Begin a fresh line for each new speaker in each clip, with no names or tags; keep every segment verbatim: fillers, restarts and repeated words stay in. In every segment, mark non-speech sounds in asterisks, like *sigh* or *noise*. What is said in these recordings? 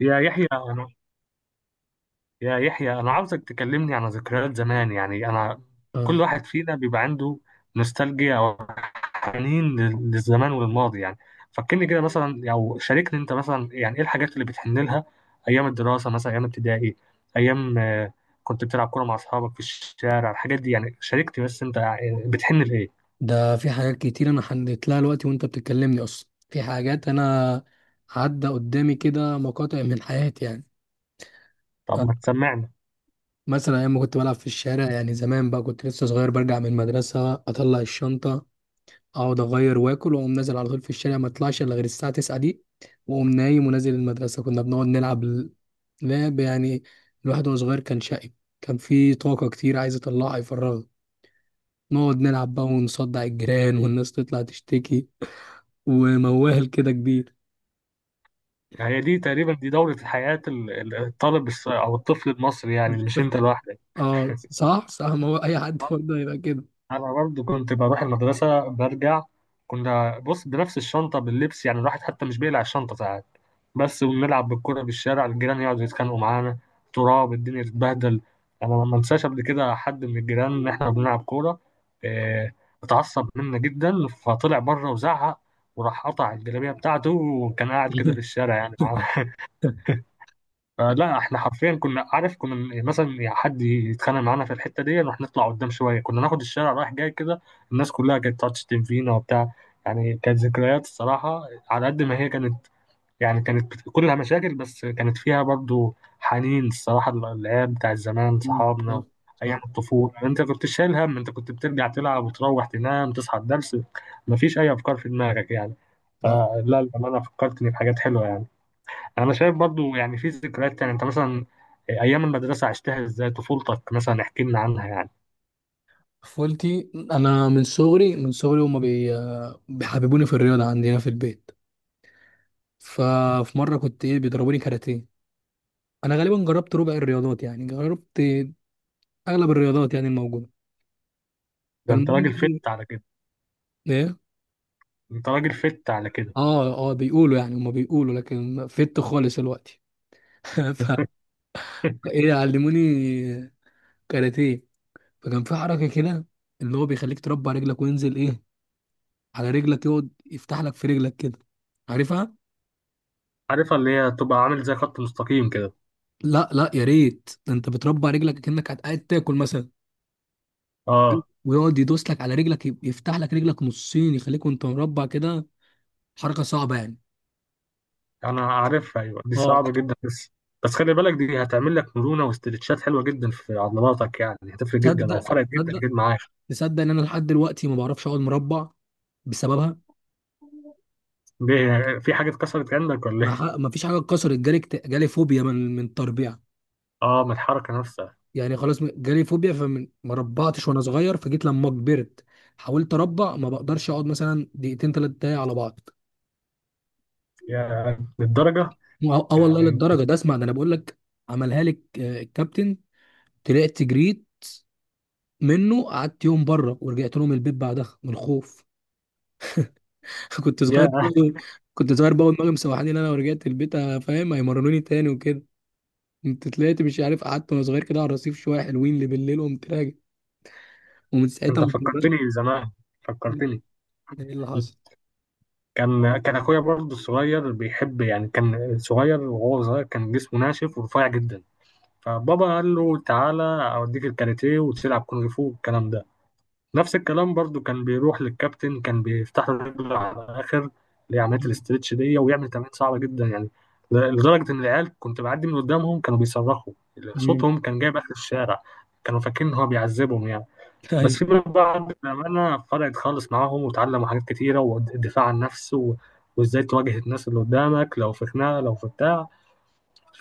يا يحيى أنا يا يحيى أنا عاوزك تكلمني عن ذكريات زمان. يعني أنا كل
اه
واحد فينا بيبقى عنده نوستالجيا أو حنين لل- للزمان وللماضي. يعني فكرني كده مثلا أو شاركني أنت مثلا، يعني إيه الحاجات اللي بتحن لها؟ أيام الدراسة مثلا، أيام ابتدائي، أيام آه، كنت بتلعب كورة مع أصحابك في الشارع، الحاجات دي يعني. شاركني بس أنت، يعني بتحن لإيه؟
ده في حاجات كتير انا حليت لها دلوقتي وانت بتكلمني، اصلا في حاجات انا عدى قدامي كده مقاطع من حياتي يعني.
طب ما
آه،
تسمعنا.
مثلا ايام ما كنت بلعب في الشارع يعني، زمان بقى كنت لسه صغير، برجع من المدرسه اطلع الشنطه اقعد اغير واكل واقوم نازل على طول في الشارع، ما اطلعش الا غير الساعه التاسعة دي، واقوم نايم ونازل المدرسه. كنا بنقعد نلعب ال- لعب يعني. الواحد وهو صغير كان شقي، كان في طاقه كتير عايز يطلعها يفرغها، نقعد نلعب بقى ونصدع الجيران والناس تطلع تشتكي ومواهل كده كبير.
هي دي تقريبا دي دورة حياة ال- ال- الطالب الس- أو الطفل المصري، يعني مش أنت لوحدك.
اه، صح صح، ما هو اي حد برضه هيبقى كده.
انا برضو كنت بروح المدرسه برجع، كنا بص بنفس الشنطه باللبس، يعني الواحد حتى مش بيقلع الشنطه ساعات بس، وبنلعب بالكوره بالشارع، الجيران يقعدوا يتخانقوا معانا، تراب الدنيا تتبهدل. انا ما انساش قبل كده حد من الجيران ان احنا بنلعب كوره، إيه، اتعصب منا جدا فطلع بره وزعق وراح قطع الجلابيه بتاعته، وكان قاعد كده في
*laughs*
الشارع يعني *laughs* فلا احنا حرفيا كنا عارف، كنا مثلا يعني حد يتخانق معانا في الحته دي نروح نطلع قدام شويه، كنا ناخد الشارع رايح جاي كده. الناس كلها كانت تقعد تشتم فينا وبتاع، يعني كانت ذكريات الصراحه على قد ما هي كانت، يعني كانت بت- كلها مشاكل بس كانت فيها برضو حنين الصراحه، العيال بتاع زمان
صح
صحابنا. ايام
صح
الطفوله يعني، انت كنت شايل هم؟ انت كنت بترجع تلعب وتروح تنام تصحى الدرس، مفيش اي افكار في دماغك يعني.
صح.
فلا انا فكرتني بحاجات حلوه يعني. انا شايف برضو يعني في ذكريات تانية، انت مثلا ايام المدرسه عشتها ازاي؟ طفولتك مثلا احكي لنا عنها يعني.
طفولتي انا من صغري من صغري هما بي... بيحببوني في الرياضه عندنا في البيت. ففي مره كنت ايه بيضربوني كاراتيه، انا غالبا جربت ربع الرياضات يعني، جربت اغلب الرياضات يعني الموجوده.
ده انت
فالمهم
راجل
ايه؟
فت على كده.
إيه؟
انت راجل فت على كده.
اه اه، بيقولوا يعني، هما بيقولوا، لكن فت خالص الوقت. *laughs* ف-
*laughs*
فايه، علموني كاراتيه، فكان في حركه كده ان هو بيخليك تربع رجلك وينزل ايه على رجلك، يقعد يفتح لك في رجلك كده، عارفها؟
عارفها، اللي هي تبقى عامل زي خط مستقيم كده.
لا لا يا ريت، ده انت بتربع رجلك كأنك قاعد تاكل مثلا،
اه
ويقعد يدوس لك على رجلك يب- يفتح لك رجلك نصين يخليك وانت مربع كده. حركه صعبه يعني.
انا عارفها، ايوه دي
اه
صعبه جدا، بس بس خلي بالك دي هتعمل لك مرونه واسترتشات حلوه جدا في عضلاتك، يعني هتفرق جدا او
جدا. تصدق
فرقت جدا
تصدق
جدا معاك.
تصدق ان انا لحد دلوقتي ما بعرفش اقعد مربع بسببها.
ليه، في حاجه اتكسرت عندك ولا
ما, ح...
ايه؟
ما فيش حاجه اتكسرت، جالي اكت- جالي فوبيا من من التربيع.
اه، من الحركه نفسها.
يعني خلاص، م- جالي فوبيا، فما ربعتش وانا صغير، فجيت لما كبرت حاولت اربع ما بقدرش اقعد مثلا دقيقتين ثلاث دقايق على بعض.
يا للدرجه.
اه آه والله
يعني انت،
للدرجه ده اسمع ده انا بقول لك، عملها لك آه، الكابتن، طلعت جريت منه، قعدت يوم بره ورجعت لهم البيت بعدها من الخوف. *laughs* كنت صغير
يا.
بقى- كنت صغير بقى ودماغي مسوحاني ان انا لو رجعت البيت، آه، فاهم، هيمرنوني تاني وكده. كنت طلعت مش عارف، قعدت وانا صغير كده على الرصيف شويه، حلوين اللي بالليل، وقمت راجع، ومن ساعتها
انت
ما اتمرنتش.
فكرتني زمان. فكرتني
ايه اللي حصل؟
كان كان اخويا برضه الصغير بيحب، يعني كان صغير وهو صغير كان جسمه ناشف ورفيع جدا، فبابا قال له تعالى اوديك الكاراتيه وتلعب كونغ فو والكلام ده. نفس الكلام برضه كان بيروح للكابتن، كان بيفتح له رجله على الاخر، اللي هي عمليه
مم.
الاسترتش دي، ويعمل تمارين صعبه جدا يعني، ل- لدرجه ان العيال كنت بعدي من قدامهم كانوا بيصرخوا،
مم.
صوتهم كان جايب اخر الشارع، كانوا فاكرين ان هو بيعذبهم يعني.
*laughs*
بس
ايوه.
في منهم بقى بأمانة فرقت خالص معاهم وتعلموا حاجات كتيرة والدفاع عن النفس و... وازاي تواجه الناس اللي قدامك لو في خناقة لو في بتاع.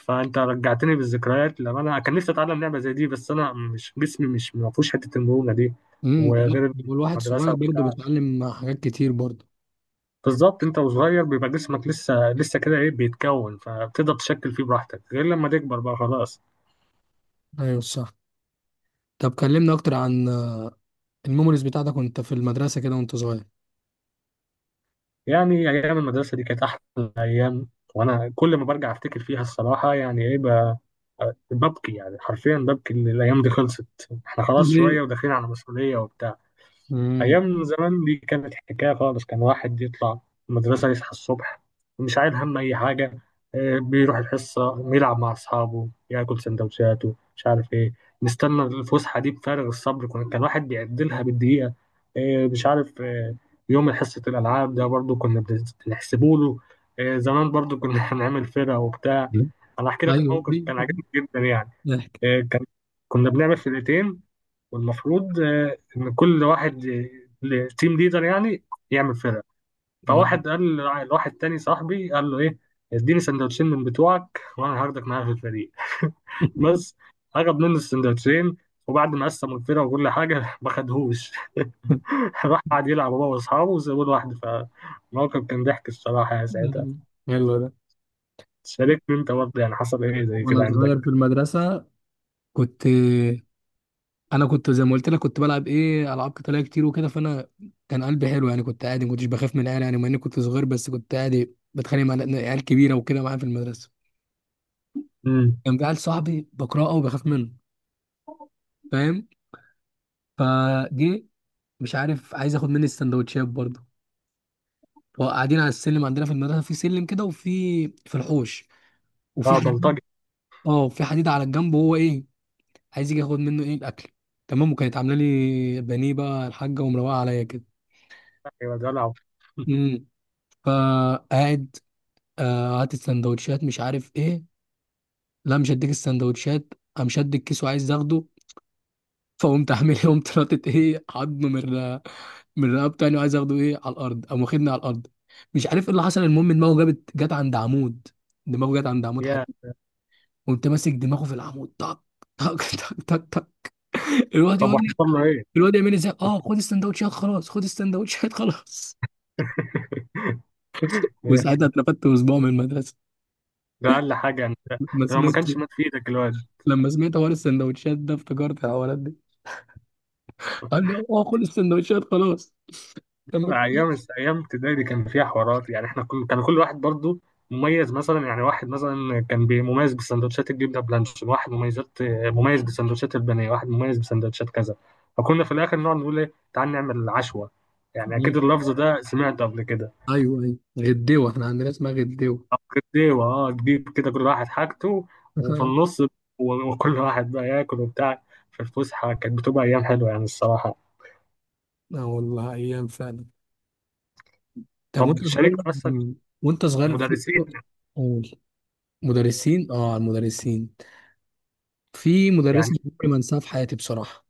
فأنت رجعتني بالذكريات، لما أنا كان نفسي أتعلم لعبة زي دي بس أنا مش جسمي مش ما فيهوش حتة المرونة دي.
امم لا،
وغير
هو الواحد
المدرسة
صغير برضه
وبتاع.
بيتعلم حاجات كتير برضه.
بالظبط، أنت وصغير بيبقى جسمك لسه لسه كده إيه بيتكون، فبتقدر تشكل فيه براحتك، غير لما تكبر بقى خلاص.
ايوه صح. طب كلمنا اكتر عن الميموريز بتاعتك وانت في المدرسه كده وانت صغير.
يعني أيام المدرسة دي كانت أحلى أيام. وأنا كل ما برجع أفتكر فيها الصراحة يعني إيه ب- ببكي، يعني حرفيا ببكي إن الأيام دي خلصت. إحنا خلاص
*laughs* ليه؟
شوية وداخلين على مسؤولية وبتاع.
امم
أيام زمان دي كانت حكاية خالص، كان واحد يطلع المدرسة يصحى الصبح مش عايل هم أي حاجة، آه، بيروح الحصة يلعب مع أصحابه ياكل سندوتشاته مش عارف إيه. نستنى الفسحة دي بفارغ الصبر، كنا- كان واحد بيعدلها بالدقيقة، آه، مش عارف آه، يوم حصة الألعاب ده برضو كنا بنحسبه له، آه، زمان برضو كنا *laughs* هنعمل فرقة وبتاع. أنا أحكي لك
ايوه
موقف
ليه؟
كان عجبني جدا يعني.
ضحك.
آه، كان كنا بنعمل فرقتين، والمفروض آه، ان كل واحد التيم ليدر يعني يعمل فرقه.
تمام.
فواحد قال لع- لواحد تاني صاحبي، قال له ايه، اديني سندوتشين من بتوعك وانا هاخدك معايا في الفريق. *laughs* بس اخد منه السندوتشين، وبعد ما قسموا الفرقه وكل حاجه *laughs* ما خدهوش *laughs* راح قعد يلعب هو واصحابه وسابوه لوحده، فالموقف كان ضحك الصراحه يا ساعتها.
حلو ده.
شاركني انت برضه، يعني حصل
*laughs*
ايه زي كده
وانا صغير في
عندك؟
المدرسه كنت، انا كنت زي ما قلت لك كنت بلعب ايه العاب قتاليه كتير وكده، فانا كان قلبي حلو يعني، كنت عادي ما كنتش بخاف من العيال يعني، مع اني كنت صغير بس كنت عادي بتخانق مع عيال كبيره وكده معايا في المدرسه.
امم.
كان في عيل صاحبي بكرهه وبخاف منه، فاهم؟ فجه مش عارف، عايز ياخد مني السندوتشات برضه، وقاعدين على السلم عندنا في المدرسه، في سلم كده وفي في الحوش، وفي
اه
حديد.
بلطجي.
اه في حديد على الجنب، وهو ايه عايز يجي ياخد منه ايه الاكل، تمام؟ وكانت عامله لي بانيه بقى الحاجه، ومروقه عليا كده.
يا دلع. *laughs*
امم فقاعد، آه، هات السندوتشات، مش عارف ايه، لا مش هديك السندوتشات، قام شد الكيس وعايز اخده. فقمت عامل ايه، قمت ناطط ايه عضمه من الر- من رقبته تاني، وعايز اخده ايه على الارض، قام واخدني على الارض، مش عارف ايه اللي حصل، المهم دماغه جابت جت عند عمود، دماغه جت عند عمود
يا.
حديد، قمت ماسك دماغه في العمود. طق طق *laughs* طق طق طق. الواد
طب
يقول لي،
وحصل له ايه؟
الواد يعمل ازاي، اه خد السندوتشات خلاص خد السندوتشات *laughs* خلاص.
*laughs* ده
وساعتها اترفدت اسبوع من المدرسه.
أقل حاجة يعني، ده,
لما
ده لو ما
سمعت،
كانش مات في إيدك الواد.
لما سمعت حوار السندوتشات ده افتكرت الحوارات دي، قال لي اه خد السندوتشات خلاص. لما كان-
أيام أيام ابتدائي دي كان فيها حوارات، يعني إحنا كل كان كل واحد برضو مميز مثلا، يعني واحد مثلا كان بي- مميز بسندوتشات الجبنة بلانشون، واحد مميزات مميز بسندوتشات البانيه، واحد مميز بسندوتشات كذا. فكنا في الآخر نقعد نقول إيه، تعال نعمل عشوة، يعني أكيد اللفظ ده سمعته قبل كده.
ايوه ايوه، غديوه، احنا عندنا اسمها غديوه.
أيوة أه تجيب كده كل واحد حاجته، وفي النص
*laughs*
و- وكل واحد بقى ياكل وبتاع، في الفسحة كانت بتبقى أيام حلوة يعني الصراحة.
اه والله ايام فعلا. طب وانت
طب
صغير،
شاركت مثلا
وانت صغير في،
مدرسين؟
قول. مدرسين؟ اه، على المدرسين، في
يعني
مدرسة عمري ما انساها في حياتي بصراحة.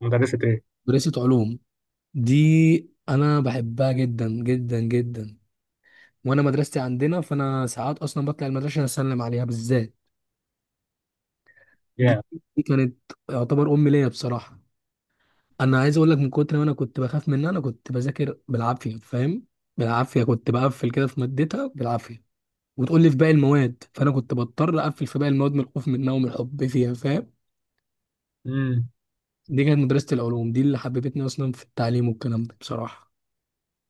مدرسة ايه؟
مدرسة علوم دي، انا بحبها جدا جدا جدا، وانا مدرستي عندنا، فانا ساعات اصلا بطلع المدرسة اسلم عليها بالذات دي.
يا.
دي كانت يعتبر امي ليا بصراحة. انا عايز اقول لك، من كتر ما انا كنت بخاف منها انا كنت بذاكر بالعافية، فاهم؟ بالعافية، كنت بقفل كده في مادتها بالعافية، وتقول لي في باقي المواد، فانا كنت بضطر اقفل في باقي المواد من الخوف منها ومن الحب فيها، فاهم؟
امم.
دي كانت مدرسه العلوم دي اللي حببتني اصلا في التعليم والكلام ده بصراحه.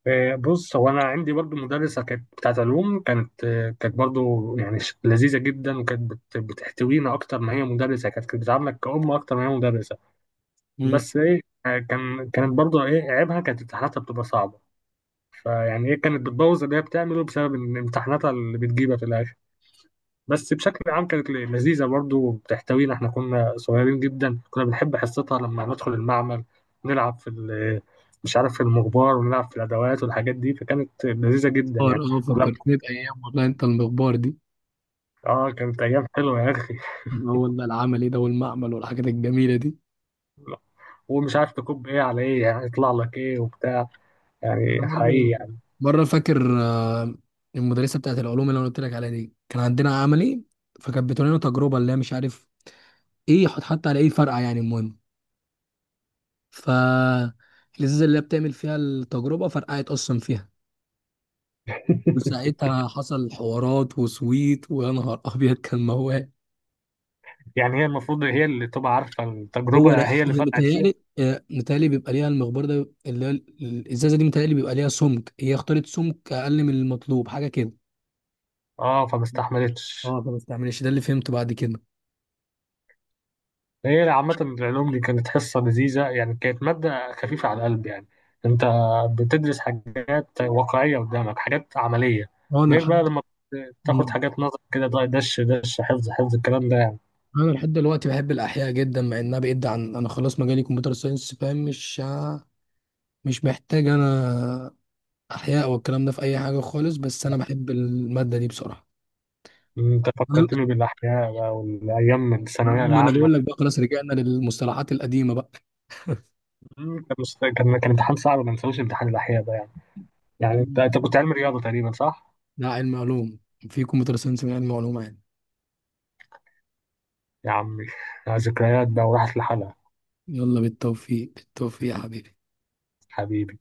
آه، بص هو انا عندي برضو مدرسة كانت بتاعت علوم كانت، آه، كانت برضو يعني ش- لذيذة جدا، وكانت بت- بتحتوينا اكتر ما هي مدرسة، كانت كانت بتعاملك كأم اكتر ما هي مدرسة.
مم.
بس ايه آه، كان كانت برضو ايه عيبها، كانت امتحاناتها بتبقى صعبة، فيعني ايه كانت بتبوظ اللي هي بتعمله بسبب ان امتحاناتها اللي بتجيبها في الاخر. بس بشكل عام كانت لذيذة برضو بتحتوينا، احنا كنا صغيرين جدا كنا بنحب حصتها لما ندخل المعمل نلعب في ال- مش عارف في المغبار، ونلعب في الأدوات والحاجات دي، فكانت لذيذة جدا
اه
يعني.
آه،
لما
فكرتني بايام والله. انت المخبار دي،
اه كانت أيام حلوة يا أخي.
هو والله العملي ده والمعمل والحاجات الجميله دي.
ومش عارف تكب ايه على ايه، يعني يطلع لك ايه وبتاع،
انا
يعني حقيقي
مره،
يعني.
مره فاكر آه، المدرسه بتاعت العلوم اللي انا قلت لك عليها دي، كان عندنا عملي، فكانت بتقول لنا تجربه اللي هي مش عارف ايه، حط حتى على ايه فرقع يعني، المهم، ف الازازه اللي هي بتعمل فيها التجربه فرقعت اصلا فيها،
*laughs*
وساعتها حصل حوارات، وسويت، ويا نهار ابيض كان موال.
يعني هي المفروض هي اللي تبقى عارفة
هو لا،
التجربة، هي اللي
هي
فرقت فيها.
متهيألي آه، متهيألي بيبقى ليها المخبار ده اللي هي ال- الازازه دي، متهيألي بيبقى ليها سمك، هي اختارت سمك اقل من المطلوب حاجه كده.
اه فما استحملتش.
اه فما استعملش، ده اللي فهمته بعد كده.
هي عامة العلوم دي كانت حصة لذيذة يعني، كانت مادة خفيفة على القلب يعني. أنت بتدرس حاجات واقعية قدامك، حاجات عملية.
هو انا
غير بقى
لحد
لما بتاخد
مم.
حاجات نظر كده، ده- دش دش حفظ حفظ الكلام ده يعني.
انا لحد دلوقتي بحب الاحياء جدا، مع انها بعيد عن، انا خلاص مجالي كمبيوتر ساينس فاهم، مش مش محتاج انا احياء والكلام ده في اي حاجه خالص، بس انا بحب الماده دي بصراحه.
أنت فكرتني بالأحياء بقى والأيام الثانوية
ما انا
العامة.
بقول لك بقى خلاص، رجعنا للمصطلحات القديمه بقى.
مم، كان مست- كان كان امتحان صعب ما ننساوش امتحان الأحياء ده يعني. يعني أنت أنت كنت علمي رياضة تقريبا صح؟
ده علم علوم، في كمبيوتر ساينس من علم علوم يعني.
يا عمي. *laughs* ذكريات بقى وراحت لحالها.
يلا بالتوفيق، بالتوفيق يا حبيبي.
حبيبي.